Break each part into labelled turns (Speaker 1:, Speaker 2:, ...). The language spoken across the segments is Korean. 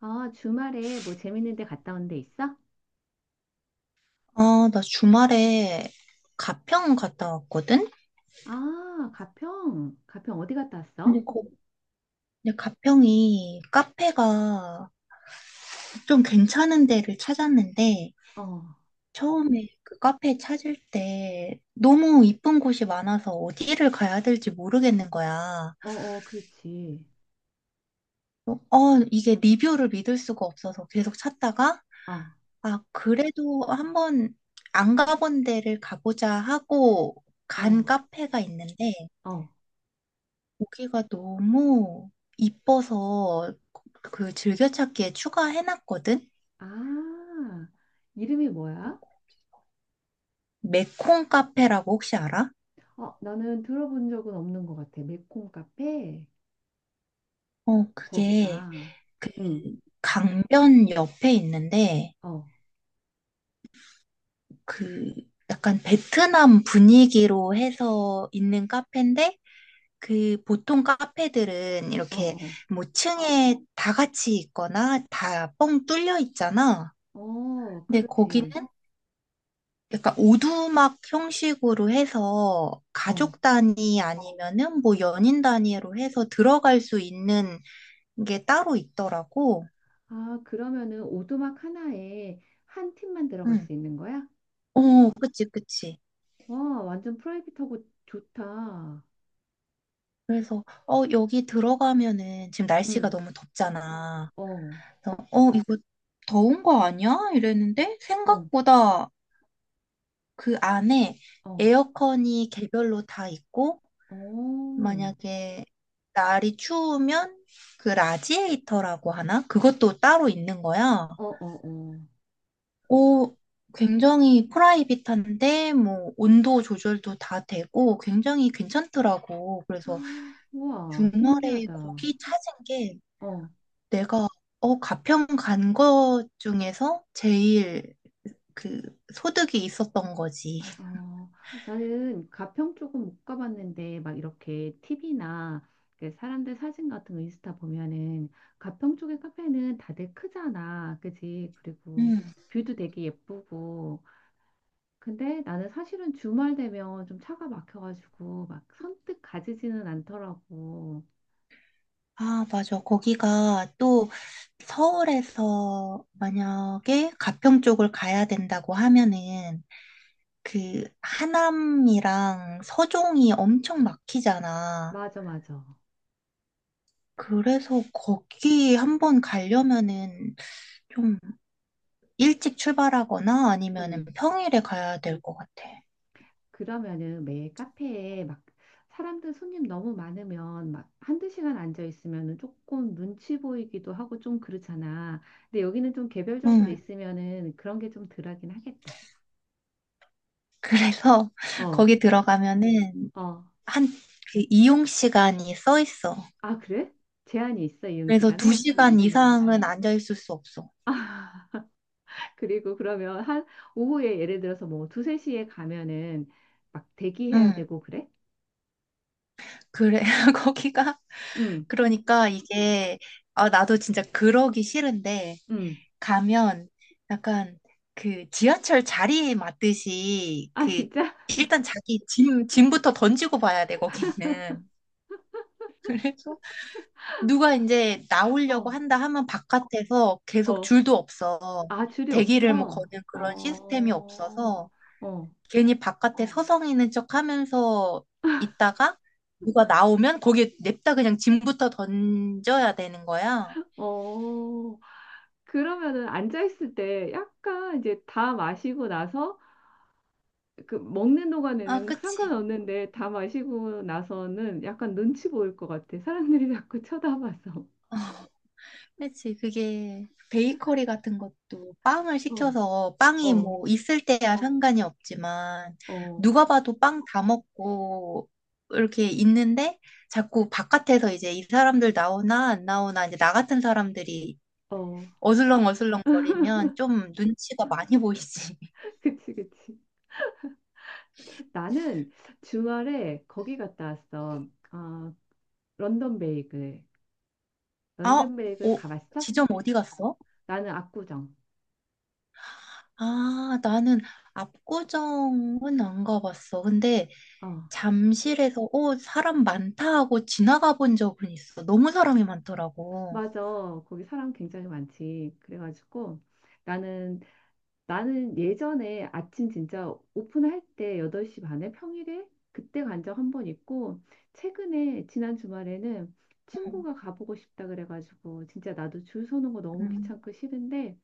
Speaker 1: 아, 주말에 뭐 재밌는 데 갔다 온 데 있어?
Speaker 2: 아, 나 주말에 가평 갔다 왔거든?
Speaker 1: 아, 가평. 가평 어디 갔다 왔어?
Speaker 2: 근데 거, 근데 가평이 카페가 좀 괜찮은 데를 찾았는데,
Speaker 1: 어, 어,
Speaker 2: 처음에 그 카페 찾을 때 너무 이쁜 곳이 많아서 어디를 가야 될지 모르겠는 거야.
Speaker 1: 어, 그렇지.
Speaker 2: 어, 어, 이게 리뷰를 믿을 수가 없어서 계속 찾다가,
Speaker 1: 어,
Speaker 2: 아, 그래도 한번 안 가본 데를 가보자 하고
Speaker 1: 어,
Speaker 2: 간 카페가 있는데,
Speaker 1: 어.
Speaker 2: 고기가 너무 이뻐서 그 즐겨찾기에 추가해놨거든?
Speaker 1: 아, 이름이 뭐야?
Speaker 2: 메콩 카페라고 혹시 알아?
Speaker 1: 어, 나는 들어본 적은 없는 것 같아. 매콤 카페.
Speaker 2: 어, 그게
Speaker 1: 거기가.
Speaker 2: 그
Speaker 1: 응,
Speaker 2: 강변 옆에 있는데
Speaker 1: 어,
Speaker 2: 그 약간 베트남 분위기로 해서 있는 카페인데 그 보통 카페들은
Speaker 1: 어,
Speaker 2: 이렇게
Speaker 1: 어.
Speaker 2: 뭐 층에 다 같이 있거나 다 뻥 뚫려 있잖아.
Speaker 1: 어,
Speaker 2: 근데 거기는
Speaker 1: 그렇지.
Speaker 2: 약간 오두막 형식으로 해서
Speaker 1: 어.
Speaker 2: 가족 단위 아니면은 뭐 연인 단위로 해서 들어갈 수 있는 게 따로 있더라고.
Speaker 1: 아, 그러면은 오두막 하나에 한 팀만 들어갈
Speaker 2: 응.
Speaker 1: 수 있는 거야?
Speaker 2: 어, 그치, 그치.
Speaker 1: 와, 완전 프라이빗하고 좋다.
Speaker 2: 그래서, 어, 여기 들어가면은 지금 날씨가
Speaker 1: 응,
Speaker 2: 너무 덥잖아.
Speaker 1: 어.
Speaker 2: 그래서, 어, 이거 더운 거 아니야? 이랬는데
Speaker 1: 어,
Speaker 2: 생각보다 그 안에
Speaker 1: 어,
Speaker 2: 에어컨이 개별로 다 있고
Speaker 1: 어,
Speaker 2: 만약에 날이 추우면 그 라지에이터라고 하나? 그것도 따로 있는 거야.
Speaker 1: 어, 어, 어.
Speaker 2: 오, 굉장히 프라이빗한데 뭐 온도 조절도 다 되고 굉장히 괜찮더라고. 그래서
Speaker 1: 우와,
Speaker 2: 주말에
Speaker 1: 신기하다. 어,
Speaker 2: 거기 찾은 게 내가 어, 가평 간 것 중에서 제일 그 소득이 있었던 거지.
Speaker 1: 어. 나는 가평 쪽은 못 가봤는데, 막 이렇게 TV나 사람들 사진 같은 거 인스타 보면은, 가평 쪽의 카페는 다들 크잖아. 그지? 그리고
Speaker 2: 음.
Speaker 1: 뷰도 되게 예쁘고. 근데 나는 사실은 주말 되면 좀 차가 막혀가지고, 막 선뜻 가지지는 않더라고.
Speaker 2: 아, 맞아. 거기가 또 서울에서 만약에 가평 쪽을 가야 된다고 하면은 그 하남이랑 서종이 엄청 막히잖아.
Speaker 1: 맞아, 맞아.
Speaker 2: 그래서 거기 한번 가려면은 좀 일찍 출발하거나 아니면은
Speaker 1: 응.
Speaker 2: 평일에 가야 될 것 같아.
Speaker 1: 그러면은 매 카페에 막 사람들 손님 너무 많으면 막 한두 시간 앉아 있으면은 조금 눈치 보이기도 하고 좀 그렇잖아. 근데 여기는 좀 개별적으로
Speaker 2: 응.
Speaker 1: 있으면은 그런 게 좀 덜하긴 하겠다.
Speaker 2: 그래서
Speaker 1: 어,
Speaker 2: 거기 들어가면은
Speaker 1: 어.
Speaker 2: 한 그 이용 시간이 써 있어.
Speaker 1: 아, 그래? 제한이 있어, 이용
Speaker 2: 그래서 두
Speaker 1: 시간에?
Speaker 2: 시간 이상은 앉아 있을 수 없어.
Speaker 1: 그리고 그러면 한 오후에 예를 들어서 뭐 두세 시에 가면은 막 대기해야
Speaker 2: 응.
Speaker 1: 되고 그래?
Speaker 2: 그래, 거기가.
Speaker 1: 응,
Speaker 2: 그러니까 이게, 아, 나도 진짜 그러기 싫은데,
Speaker 1: 응.
Speaker 2: 가면 약간 그 지하철 자리에 맞듯이
Speaker 1: 아,
Speaker 2: 그,
Speaker 1: 진짜?
Speaker 2: 일단 자기 짐부터 던지고 봐야 돼, 거기는. 그래서 누가 이제 나오려고
Speaker 1: 어,
Speaker 2: 한다 하면 바깥에서 계속
Speaker 1: 어.
Speaker 2: 줄도 없어.
Speaker 1: 아, 줄이
Speaker 2: 대기를 뭐
Speaker 1: 없어?
Speaker 2: 거는 그런 시스템이
Speaker 1: 어,
Speaker 2: 없어서
Speaker 1: 어.
Speaker 2: 괜히 바깥에 서성이는 척 하면서 있다가 누가 나오면 거기에 냅다 그냥 짐부터 던져야 되는 거야.
Speaker 1: 어, 그러면은 앉아있을 때 약간 이제 다 마시고 나서 그 먹는
Speaker 2: 아,
Speaker 1: 동안에는
Speaker 2: 그치.
Speaker 1: 상관없는데 다 마시고 나서는 약간 눈치 보일 것 같아. 사람들이 자꾸 쳐다봐서.
Speaker 2: 그치. 그게 베이커리 같은 것도 빵을
Speaker 1: 어,
Speaker 2: 시켜서 빵이
Speaker 1: 어,
Speaker 2: 뭐 있을 때야 상관이 없지만
Speaker 1: 어,
Speaker 2: 누가 봐도 빵 다 먹고 이렇게 있는데 자꾸 바깥에서 이제 이 사람들 나오나 안 나오나 이제 나 같은 사람들이
Speaker 1: 어.
Speaker 2: 어슬렁어슬렁 거리면 좀 눈치가 많이 보이지.
Speaker 1: 그치, 그치. 나는 주말에 거기 갔다 왔어. 아, 런던 베이글.
Speaker 2: 아, 어,
Speaker 1: 런던 베이글 가봤어?
Speaker 2: 지점 어디 갔어?
Speaker 1: 나는 압구정.
Speaker 2: 아, 나는 압구정은 안 가봤어. 근데
Speaker 1: 어,
Speaker 2: 잠실에서, 어, 사람 많다 하고 지나가 본 적은 있어. 너무 사람이 많더라고.
Speaker 1: 맞아. 거기 사람 굉장히 많지. 그래가지고. 나는 나는 예전에 아침 진짜 오픈할 때 8시 반에 평일에 그때 간적 한 번 있고 최근에 지난 주말에는
Speaker 2: 응,
Speaker 1: 친구가 가보고 싶다 그래가지고 진짜 나도 줄 서는 거 너무
Speaker 2: 응.
Speaker 1: 귀찮고 싫은데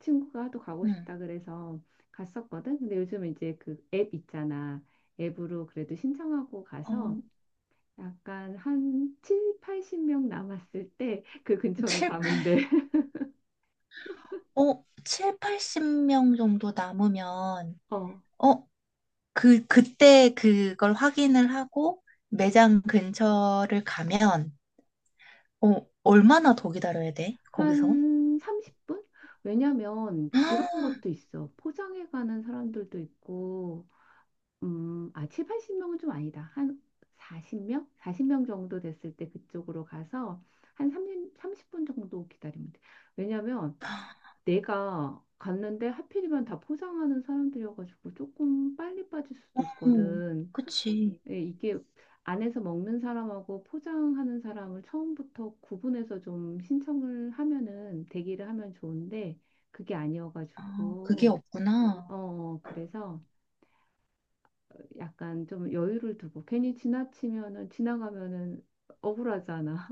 Speaker 1: 친구가 또 가고
Speaker 2: 응.
Speaker 1: 싶다 그래서 갔었거든. 근데 요즘 이제 그 앱 있잖아. 앱으로 그래도 신청하고
Speaker 2: 어,
Speaker 1: 가서 약간 한 7, 80명 남았을 때 그 근처로
Speaker 2: 7,
Speaker 1: 가면 돼.
Speaker 2: 7, 80명 정도 남으면,
Speaker 1: 어.
Speaker 2: 어, 그때 그걸 확인을 하고 매장 근처를 가면, 어, 얼마나 더 기다려야 돼? 거기서?
Speaker 1: 한 30분? 왜냐면 그런 것도 있어. 포장해 가는 사람들도 있고, 아, 7, 80명은 좀 아니다. 한 40명? 40명 정도 됐을 때 그쪽으로 가서 한 30분 정도 기다리면 돼. 왜냐면 내가 갔는데 하필이면 다 포장하는 사람들이어가지고 조금 빨리 빠질 수도
Speaker 2: 음,
Speaker 1: 있거든.
Speaker 2: 그치.
Speaker 1: 예, 이게 안에서 먹는 사람하고 포장하는 사람을 처음부터 구분해서 좀 신청을 하면은 대기를 하면 좋은데 그게
Speaker 2: 아, 그게
Speaker 1: 아니어가지고
Speaker 2: 없구나.
Speaker 1: 어, 그래서 약간 좀 여유를 두고 괜히 지나치면은 지나가면은 억울하잖아.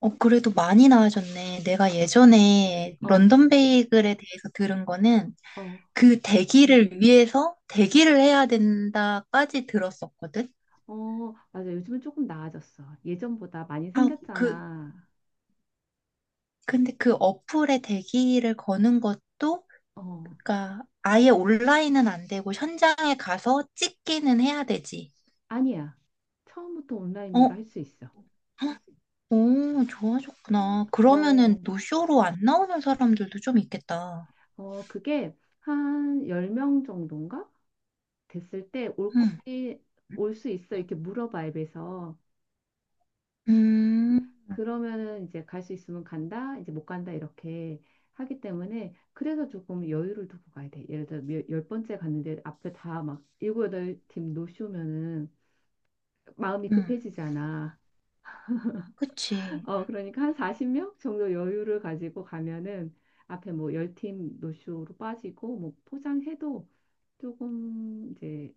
Speaker 2: 어, 그래도 많이 나아졌네. 내가 예전에
Speaker 1: 어,
Speaker 2: 런던 베이글에 대해서 들은 거는
Speaker 1: 어,
Speaker 2: 그 대기를 위해서 대기를 해야 된다까지 들었었거든.
Speaker 1: 어, 맞아. 요즘은 조금 나아졌어. 예전보다 많이
Speaker 2: 아, 그,
Speaker 1: 생겼잖아.
Speaker 2: 근데 그 어플에 대기를 거는 것도,
Speaker 1: 어,
Speaker 2: 그러니까 아예 온라인은 안 되고 현장에 가서 찍기는 해야 되지.
Speaker 1: 아니야. 처음부터 온라인으로
Speaker 2: 어,
Speaker 1: 할 수 있어.
Speaker 2: 헉, 오, 좋아졌구나. 그러면은
Speaker 1: 어,
Speaker 2: 노쇼로 안 나오는 사람들도 좀 있겠다.
Speaker 1: 어, 그게 한 10명 정도인가? 됐을 때 올
Speaker 2: 응,
Speaker 1: 거니 올 수 있어 이렇게 물어봐, 앱에서.
Speaker 2: 음,
Speaker 1: 그러면은 이제 갈 수 있으면 간다 이제 못 간다 이렇게 하기 때문에. 그래서 조금 여유를 두고 가야 돼. 예를 들어 열 번째 갔는데 앞에 다 막 일곱 여덟 팀 노쇼면은 마음이
Speaker 2: 음.
Speaker 1: 급해지잖아.
Speaker 2: 그치.
Speaker 1: 어, 그러니까 한 40명 정도 여유를 가지고 가면은 앞에 뭐 열 팀 노쇼로 빠지고 뭐 포장해도 조금 이제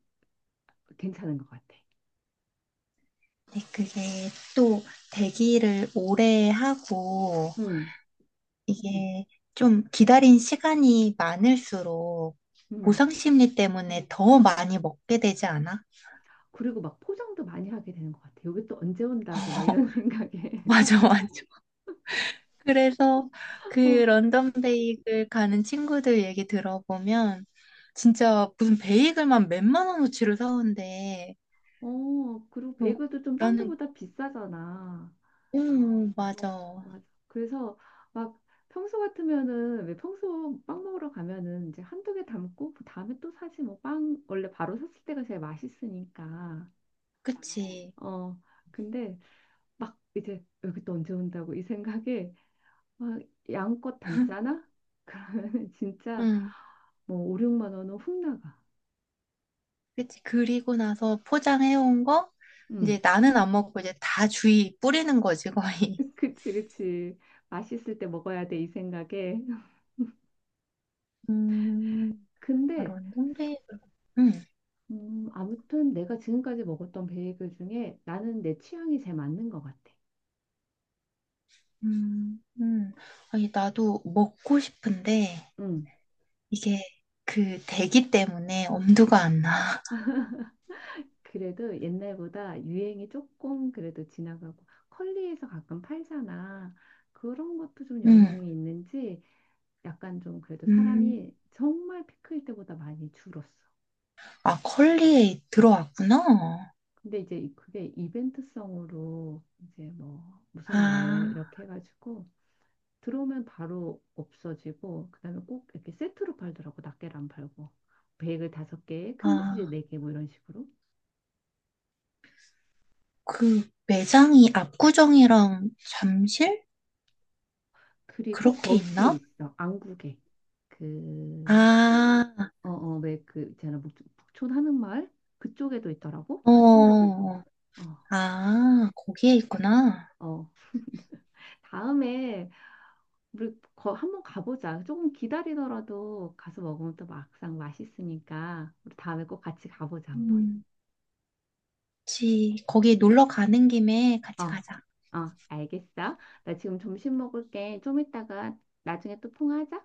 Speaker 1: 괜찮은 것 같아.
Speaker 2: 네, 그게 또 대기를 오래 하고
Speaker 1: 음.
Speaker 2: 이게 좀 기다린 시간이 많을수록
Speaker 1: 음.
Speaker 2: 보상 심리 때문에 더 많이 먹게 되지 않아?
Speaker 1: 그리고 막 포장도 많이 하게 되는 것 같아요. 여기 또 언제 온다고 막 이런 생각에.
Speaker 2: 맞아, 맞아. 그래서 그
Speaker 1: 어,
Speaker 2: 런던 베이글 가는 친구들 얘기 들어보면 진짜 무슨 베이글만 몇만 원어치를 사온대.
Speaker 1: 어, 그리고
Speaker 2: 어,
Speaker 1: 베이글도 좀 딴
Speaker 2: 나는,
Speaker 1: 데보다 비싸잖아.
Speaker 2: 응,
Speaker 1: 어,
Speaker 2: 맞아.
Speaker 1: 맞아. 그래서 막 평소 같으면은 왜, 평소 빵 먹으러 가면은 이제 한두 개 담고 그 다음에 또 사지 뭐. 빵 원래 바로 샀을 때가 제일 맛있으니까.
Speaker 2: 그치.
Speaker 1: 어, 근데 막 이제 여기 또 언제 온다고 이 생각에 막 양껏 담잖아? 그러면 진짜
Speaker 2: 응.
Speaker 1: 뭐 5, 6만 원은 훅 나가.
Speaker 2: 그치. 그리고 나서 포장해온 거,
Speaker 1: 음.
Speaker 2: 이제 나는 안 먹고 이제 다 주위 뿌리는 거지, 거의.
Speaker 1: 그치, 그치. 맛있을 때 먹어야 돼, 이 생각에.
Speaker 2: 음, 아
Speaker 1: 근데,
Speaker 2: 런이데 음,
Speaker 1: 아무튼 내가 지금까지 먹었던 베이글 중에 나는 내 취향이 제일 맞는 것 같아.
Speaker 2: 음, 음. 아니, 나도 먹고 싶은데,
Speaker 1: 응.
Speaker 2: 이게 그 대기 때문에 엄두가
Speaker 1: 어,
Speaker 2: 안 나.
Speaker 1: 그래도 옛날보다 유행이 조금 그래도 지나가고, 컬리에서 가끔 팔잖아. 그런 것도 좀
Speaker 2: 음,
Speaker 1: 영향이 있는지 약간 좀 그래도
Speaker 2: 음.
Speaker 1: 사람이 정말 피클 때보다 많이 줄었어.
Speaker 2: 아, 컬리에 들어왔구나.
Speaker 1: 근데 이제 그게 이벤트성으로 이제 뭐 무슨 날
Speaker 2: 아,
Speaker 1: 이렇게 해가지고 들어오면 바로 없어지고 그다음에 꼭 이렇게 세트로 팔더라고. 낱개를 안 팔고 베이글 다섯 개, 크림치즈
Speaker 2: 아,
Speaker 1: 네 개 뭐 이런 식으로.
Speaker 2: 그 매장이 압구정이랑 잠실?
Speaker 1: 그리고
Speaker 2: 그렇게
Speaker 1: 거기에
Speaker 2: 있나?
Speaker 1: 있어, 안국에. 그
Speaker 2: 아,
Speaker 1: 어, 어, 왜 그 있잖아, 북촌 하는 마을. 그쪽에도 있더라고.
Speaker 2: 어,
Speaker 1: 어.
Speaker 2: 아, 거기에 있구나.
Speaker 1: 어. 다음에 우리 거 한번 가보자. 조금 기다리더라도 가서 먹으면 또 막상 맛있으니까 우리 다음에 꼭 같이 가보자 한번.
Speaker 2: 음. 그치. 거기 놀러 가는 김에
Speaker 1: 어,
Speaker 2: 같이 가자.
Speaker 1: 어, 알겠어. 나 지금 점심 먹을게. 좀 이따가 나중에 또 통화하자.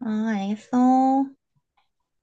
Speaker 2: 아, 알겠어.